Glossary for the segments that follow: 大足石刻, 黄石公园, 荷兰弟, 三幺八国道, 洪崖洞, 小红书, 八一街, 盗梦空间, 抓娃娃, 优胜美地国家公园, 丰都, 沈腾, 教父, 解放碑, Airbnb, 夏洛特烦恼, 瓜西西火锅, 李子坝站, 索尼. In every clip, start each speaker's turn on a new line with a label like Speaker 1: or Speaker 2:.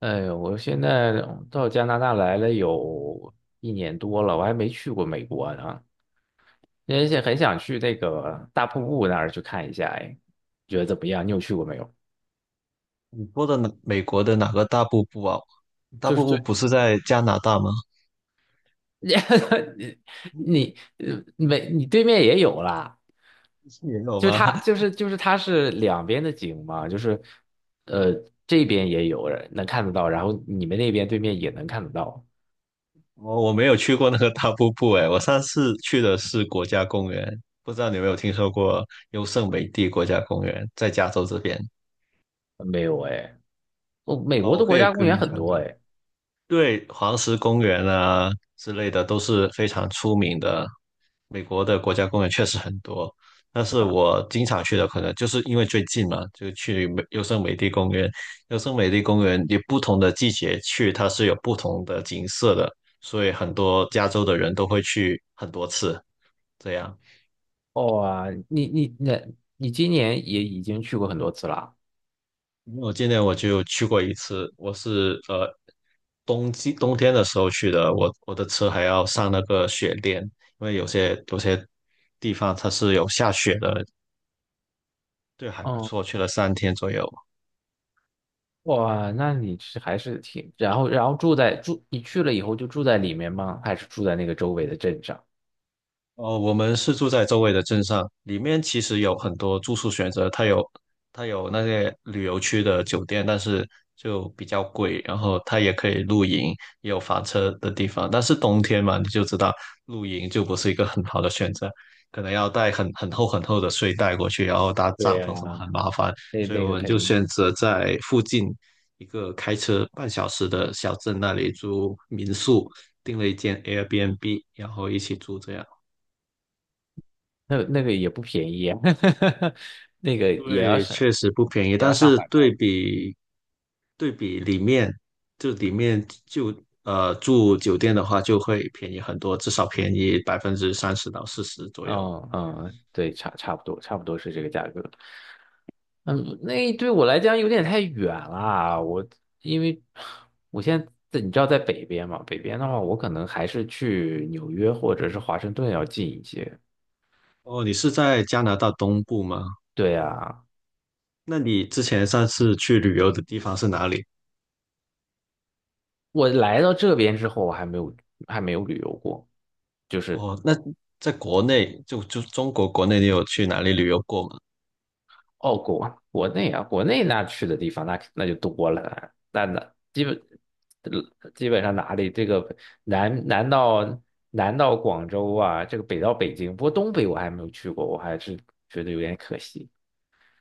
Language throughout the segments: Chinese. Speaker 1: 哎呦，我现在到加拿大来了有一年多了，我还没去过美国呢，而且很想去那个大瀑布那儿去看一下。哎，你觉得怎么样？你有去过没有？
Speaker 2: 你说的哪美国的哪个大瀑布啊？大
Speaker 1: 就是
Speaker 2: 瀑布
Speaker 1: 最
Speaker 2: 不是在加拿大吗？
Speaker 1: 你
Speaker 2: 嗯，
Speaker 1: 你你对面也有啦，
Speaker 2: 是也有
Speaker 1: 就是
Speaker 2: 吗？
Speaker 1: 它就 是就是它是两边的景嘛，就是呃这边也有人能看得到，然后你们那边对面也能看得到。
Speaker 2: 我没有去过那个大瀑布哎，我上次去的是国家公园，不知道你有没有听说过优胜美地国家公园，在加州这边。
Speaker 1: 没有哎，哦，美
Speaker 2: 啊，
Speaker 1: 国
Speaker 2: 我
Speaker 1: 的
Speaker 2: 可
Speaker 1: 国
Speaker 2: 以
Speaker 1: 家公
Speaker 2: 跟你
Speaker 1: 园很
Speaker 2: 讲
Speaker 1: 多
Speaker 2: 讲。
Speaker 1: 哎。
Speaker 2: 对，黄石公园啊之类的都是非常出名的。美国的国家公园确实很多，但是我经常去的可能就是因为最近嘛，就去优胜美地公园。优胜美地公园你不同的季节去，它是有不同的景色的，所以很多加州的人都会去很多次。这样，
Speaker 1: 哇，你你今年也已经去过很多次了。
Speaker 2: 因为我今年我就去过一次，我是冬天的时候去的，我的车还要上那个雪链，因为有些地方它是有下雪的，对，还不
Speaker 1: 嗯，
Speaker 2: 错，去了3天左右。
Speaker 1: 哇，那你是还是挺，然后住在住，你去了以后就住在里面吗？还是住在那个周围的镇上？
Speaker 2: 哦，我们是住在周围的镇上，里面其实有很多住宿选择，它有那些旅游区的酒店，但是就比较贵，然后它也可以露营，也有房车的地方，但是冬天嘛，你就知道露营就不是一个很好的选择，可能要带很厚很厚的睡袋过去，然后搭
Speaker 1: 对
Speaker 2: 帐
Speaker 1: 呀，
Speaker 2: 篷什么很麻烦，
Speaker 1: 那
Speaker 2: 所以
Speaker 1: 那
Speaker 2: 我
Speaker 1: 个
Speaker 2: 们
Speaker 1: 肯
Speaker 2: 就
Speaker 1: 定，
Speaker 2: 选择在附近一个开车半小时的小镇那里租民宿，订了一间 Airbnb，然后一起住这样。
Speaker 1: 那个也不便宜啊，那个也要
Speaker 2: 对，
Speaker 1: 上
Speaker 2: 确实不便宜，
Speaker 1: 也
Speaker 2: 但
Speaker 1: 要上
Speaker 2: 是
Speaker 1: 百块
Speaker 2: 对
Speaker 1: 了。
Speaker 2: 比对比里面，就里面就住酒店的话，就会便宜很多，至少便宜30%到40%左右。
Speaker 1: 嗯嗯，对，差不多是这个价格。嗯，那对我来讲有点太远了。因为我现在在你知道在北边嘛，北边的话，我可能还是去纽约或者是华盛顿要近一些。
Speaker 2: 哦，你是在加拿大东部吗？
Speaker 1: 对啊，
Speaker 2: 那你之前上次去旅游的地方是哪里？
Speaker 1: 我来到这边之后，我还没有旅游过，就是
Speaker 2: 哦，那在国内，就中国国内，你有去哪里旅游过吗？
Speaker 1: 哦，国内啊，国内那去的地方那就多了，那基本上哪里这个南南到南到广州啊，这个北到北京，不过东北我还没有去过，我还是觉得有点可惜。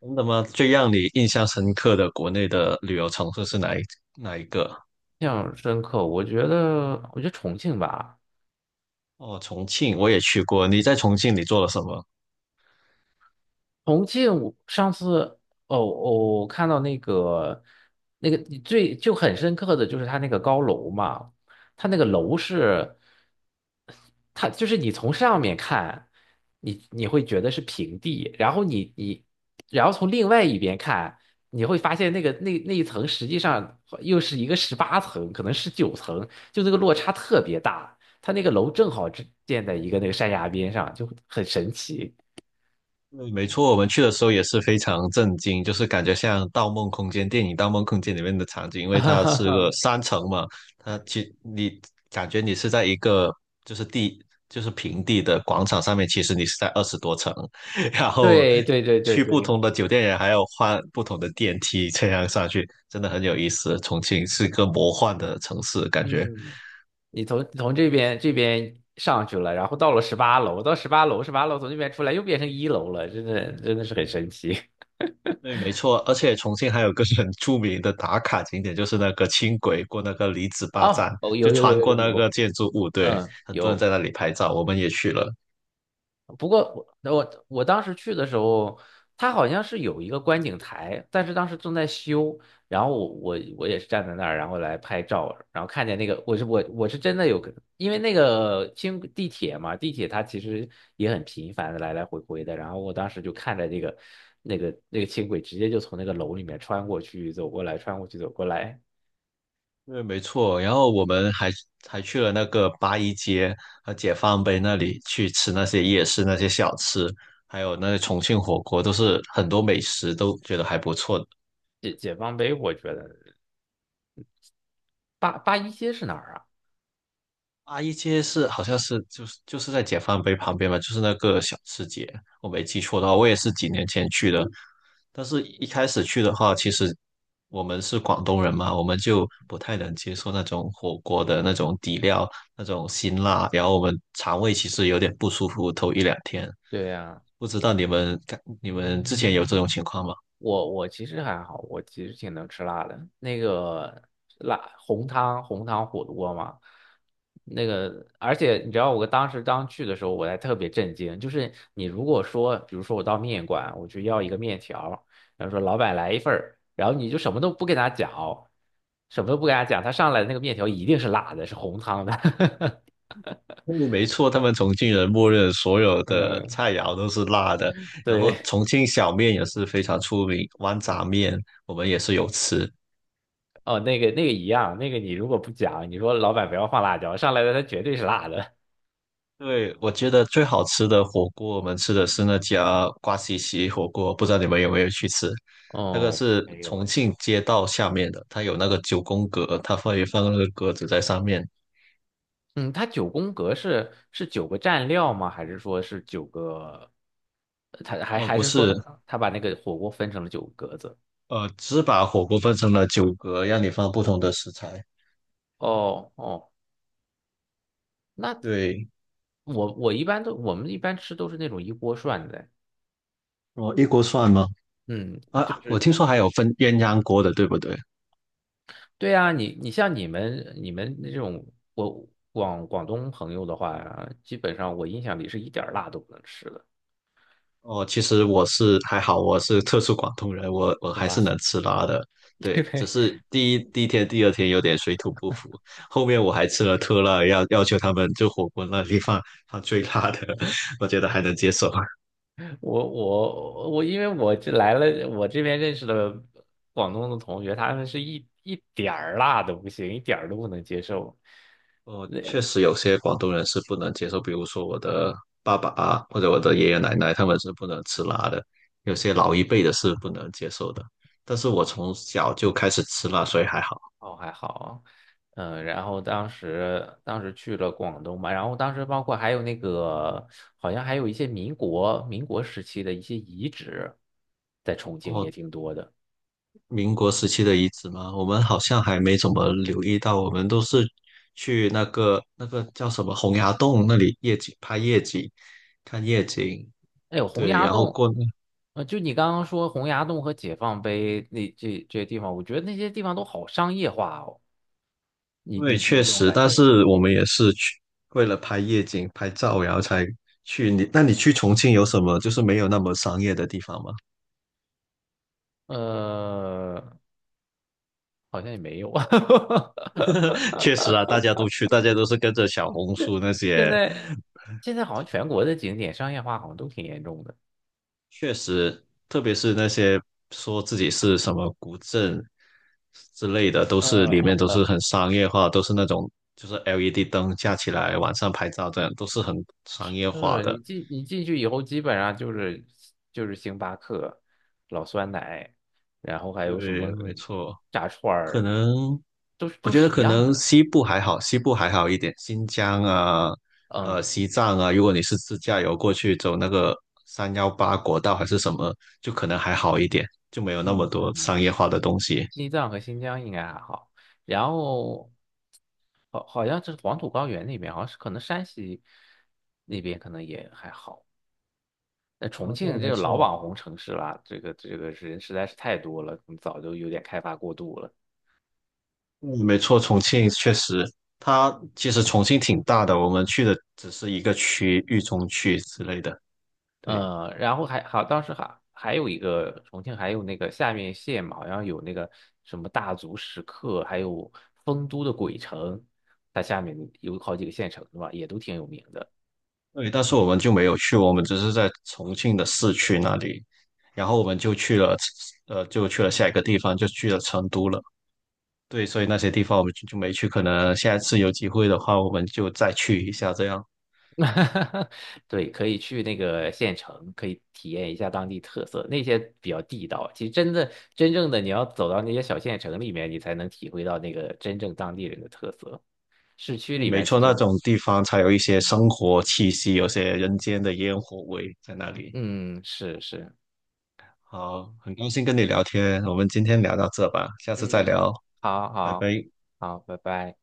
Speaker 2: 真的吗？最让你印象深刻的国内的旅游城市是哪一个？
Speaker 1: 印象深刻，我觉得重庆吧，
Speaker 2: 哦，重庆我也去过，你在重庆你做了什么？
Speaker 1: 重庆，我上次哦哦，我看到那个最就很深刻的就是它那个高楼嘛，它那个楼是，它就是你从上面看，你会觉得是平地，然后然后从另外一边看，你会发现那个那一层实际上又是一个十八层，可能十九层，就那个落差特别大。它那个楼正好是建在一个那个山崖边上，就很神奇。
Speaker 2: 对，没错，我们去的时候也是非常震惊，就是感觉像《盗梦空间》电影《盗梦空间》里面的场景，因为它是个 3层嘛，你感觉你是在一个就是地就是平地的广场上面，其实你是在20多层，然后
Speaker 1: 对对对对
Speaker 2: 去不
Speaker 1: 对，
Speaker 2: 同的酒店也还要换不同的电梯，这样上去真的很有意思。重庆是个魔幻的城市，感觉。
Speaker 1: 嗯，你从这边上去了，然后到了十八楼，到十八楼，十八楼从那边出来又变成一楼了，真的是很神奇。
Speaker 2: 对，没错，而且重庆还有个很著名的打卡景点，就是那个轻轨过那个李子坝站，
Speaker 1: 哦，哦，
Speaker 2: 就
Speaker 1: 有有有
Speaker 2: 穿
Speaker 1: 有
Speaker 2: 过
Speaker 1: 有
Speaker 2: 那
Speaker 1: 有，
Speaker 2: 个建筑物，对，
Speaker 1: 嗯，
Speaker 2: 很多人
Speaker 1: 有。
Speaker 2: 在那里拍照，我们也去了。
Speaker 1: 不过我当时去的时候，它好像是有一个观景台，但是当时正在修，然后我也是站在那儿，然后来拍照，然后看见那个我是真的有，因为那个轻地铁嘛，地铁它其实也很频繁的来来回回的，然后我当时就看着那个那个轻轨直接就从那个楼里面穿过去走过来，穿过去走过来，
Speaker 2: 对，没错，然后我们还去了那个八一街和解放碑那里去吃那些夜市那些小吃，还有那些重庆火锅，都是很多美食都觉得还不错，
Speaker 1: 解放碑我觉得八一街是哪儿啊？
Speaker 2: 阿姨街是好像是就是在解放碑旁边嘛，就是那个小吃街，我没记错的话，我也是几年前去的。但是一开始去的话，其实我们是广东人嘛，我们就不太能接受那种火锅的那种底料、那种辛辣，然后我们肠胃其实有点不舒服，头一两天。
Speaker 1: 对呀，
Speaker 2: 不知道你们之前有这种情况吗？
Speaker 1: 我其实还好，我其实挺能吃辣的。那个辣红汤火锅嘛，那个而且你知道，我当时刚去的时候，我还特别震惊，就是你如果说，比如说我到面馆，我就要一个面条，然后说老板来一份儿，然后你就什么都不跟他讲，什么都不跟他讲，他上来的那个面条一定是辣的，是红汤的。
Speaker 2: 嗯没错，他们重庆人默认所有 的
Speaker 1: 嗯，
Speaker 2: 菜肴都是辣的，然后
Speaker 1: 对，
Speaker 2: 重庆小面也是非常出名，豌杂面我们也是有吃。
Speaker 1: 哦，那个一样，那个你如果不讲，你说老板不要放辣椒，上来的它绝对是辣的。
Speaker 2: 对，我觉得最好吃的火锅，我们吃的是那家瓜西西火锅，不知道你们有没有去吃？那个
Speaker 1: 哦，
Speaker 2: 是
Speaker 1: 没有喂，
Speaker 2: 重庆街道下面的，它有那个九宫格，它会放那个格子在上面。
Speaker 1: 嗯，它九宫格是九个蘸料吗？还是说是九个？呃它还
Speaker 2: 哦，
Speaker 1: 还
Speaker 2: 不
Speaker 1: 是说
Speaker 2: 是，
Speaker 1: 它把那个火锅分成了九个格子？
Speaker 2: 只把火锅分成了9格，让你放不同的食材。
Speaker 1: 哦哦，那
Speaker 2: 对，
Speaker 1: 我们一般吃都是那种一锅涮的，
Speaker 2: 哦，一锅涮吗？
Speaker 1: 嗯，就
Speaker 2: 啊，我
Speaker 1: 是
Speaker 2: 听说还有分鸳鸯锅的，对不对？
Speaker 1: 对啊，你像你们那种我广东朋友的话，基本上我印象里是一点儿辣都不能吃的，
Speaker 2: 哦，其实我是还好，我是特殊广东人，我
Speaker 1: 是
Speaker 2: 还
Speaker 1: 吗？
Speaker 2: 是能吃辣的。对，只
Speaker 1: 对，
Speaker 2: 是第一天、第二天有点水土不服，后面我还吃了特辣，要求他们就火锅那地方放最辣的，我觉得还能接受。
Speaker 1: 我，因为我这来了，我这边认识的广东的同学，他们是一点儿辣都不行，一点儿都不能接受。
Speaker 2: 哦，确实有些广东人是不能接受，比如说我的爸爸啊，或者我的爷爷奶奶，他们是不能吃辣的，有些老一辈的是不能接受的。但是我从小就开始吃辣，所以还好。
Speaker 1: 哦，还好，嗯，然后当时去了广东嘛，然后当时包括还有那个，好像还有一些民国时期的一些遗址，在重庆也
Speaker 2: 哦，
Speaker 1: 挺多的。
Speaker 2: 民国时期的遗址吗？我们好像还没怎么留意到，我们都是去那个那个叫什么洪崖洞那里夜景拍夜景，看夜景。
Speaker 1: 哎呦，洪
Speaker 2: 对，
Speaker 1: 崖
Speaker 2: 然后
Speaker 1: 洞，
Speaker 2: 过那，
Speaker 1: 就你刚刚说洪崖洞和解放碑那这些地方，我觉得那些地方都好商业化哦。你
Speaker 2: 因为
Speaker 1: 你
Speaker 2: 确
Speaker 1: 有这种
Speaker 2: 实，
Speaker 1: 感
Speaker 2: 但
Speaker 1: 觉吗？
Speaker 2: 是我们也是去为了拍夜景拍照，然后才去你。那你去重庆有什么就是没有那么商业的地方吗？
Speaker 1: 呃，好像也没有。
Speaker 2: 确实啊，大家都去，大家都是跟着小红书那
Speaker 1: 现
Speaker 2: 些
Speaker 1: 在现在好像全国的景点商业化好像都挺严重的。
Speaker 2: 确实，特别是那些说自己是什么古镇之类的，都是里面都是
Speaker 1: 嗯，
Speaker 2: 很商业化，都是那种就是 LED 灯架起来晚上拍照这样，都是很商业化
Speaker 1: 是你
Speaker 2: 的。
Speaker 1: 进你进去以后，基本上就是星巴克、老酸奶，然后还有什
Speaker 2: 对，
Speaker 1: 么
Speaker 2: 没错，
Speaker 1: 炸串
Speaker 2: 可
Speaker 1: 儿，
Speaker 2: 能
Speaker 1: 都是
Speaker 2: 我
Speaker 1: 都
Speaker 2: 觉得
Speaker 1: 是一
Speaker 2: 可
Speaker 1: 样
Speaker 2: 能
Speaker 1: 的。
Speaker 2: 西部还好，西部还好一点，新疆啊，
Speaker 1: 嗯
Speaker 2: 西藏啊，如果你是自驾游过去走那个318国道还是什么，就可能还好一点，就没有那么
Speaker 1: 嗯
Speaker 2: 多
Speaker 1: 嗯，
Speaker 2: 商业化的东西。
Speaker 1: 西藏和新疆应该还好。然后好，好像是黄土高原那边，好像是可能山西那边可能也还好。那重
Speaker 2: 哦，对，
Speaker 1: 庆这
Speaker 2: 没
Speaker 1: 个老
Speaker 2: 错。
Speaker 1: 网红城市啦，这个人实在是太多了，可能早就有点开发过度了。
Speaker 2: 嗯，没错，重庆确实，它其实重庆挺大的，我们去的只是一个区，域中区之类的，对
Speaker 1: 嗯，然后还好，当时还有一个重庆，还有那个下面县嘛，好像有那个什么大足石刻，还有丰都的鬼城，它下面有好几个县城是吧，也都挺有名的。
Speaker 2: 对，但是我们就没有去，我们只是在重庆的市区那里，然后我们就去了，就去了下一个地方，就去了成都了，对，所以那些地方我们就没去，可能下一次有机会的话，我们就再去一下这样。
Speaker 1: 哈哈，对，可以去那个县城，可以体验一下当地特色，那些比较地道。其实真的真正的你要走到那些小县城里面，你才能体会到那个真正当地人的特色。市区
Speaker 2: 嗯
Speaker 1: 里
Speaker 2: 没
Speaker 1: 面其
Speaker 2: 错，那
Speaker 1: 实，
Speaker 2: 种地方才有一些生活气息，有些人间的烟火味在那里。
Speaker 1: 嗯，是是，
Speaker 2: 好，很高兴跟你聊天，我们今天聊到这吧，下次再
Speaker 1: 嗯。
Speaker 2: 聊，
Speaker 1: 好
Speaker 2: 拜
Speaker 1: 好
Speaker 2: 拜。
Speaker 1: 好，拜拜。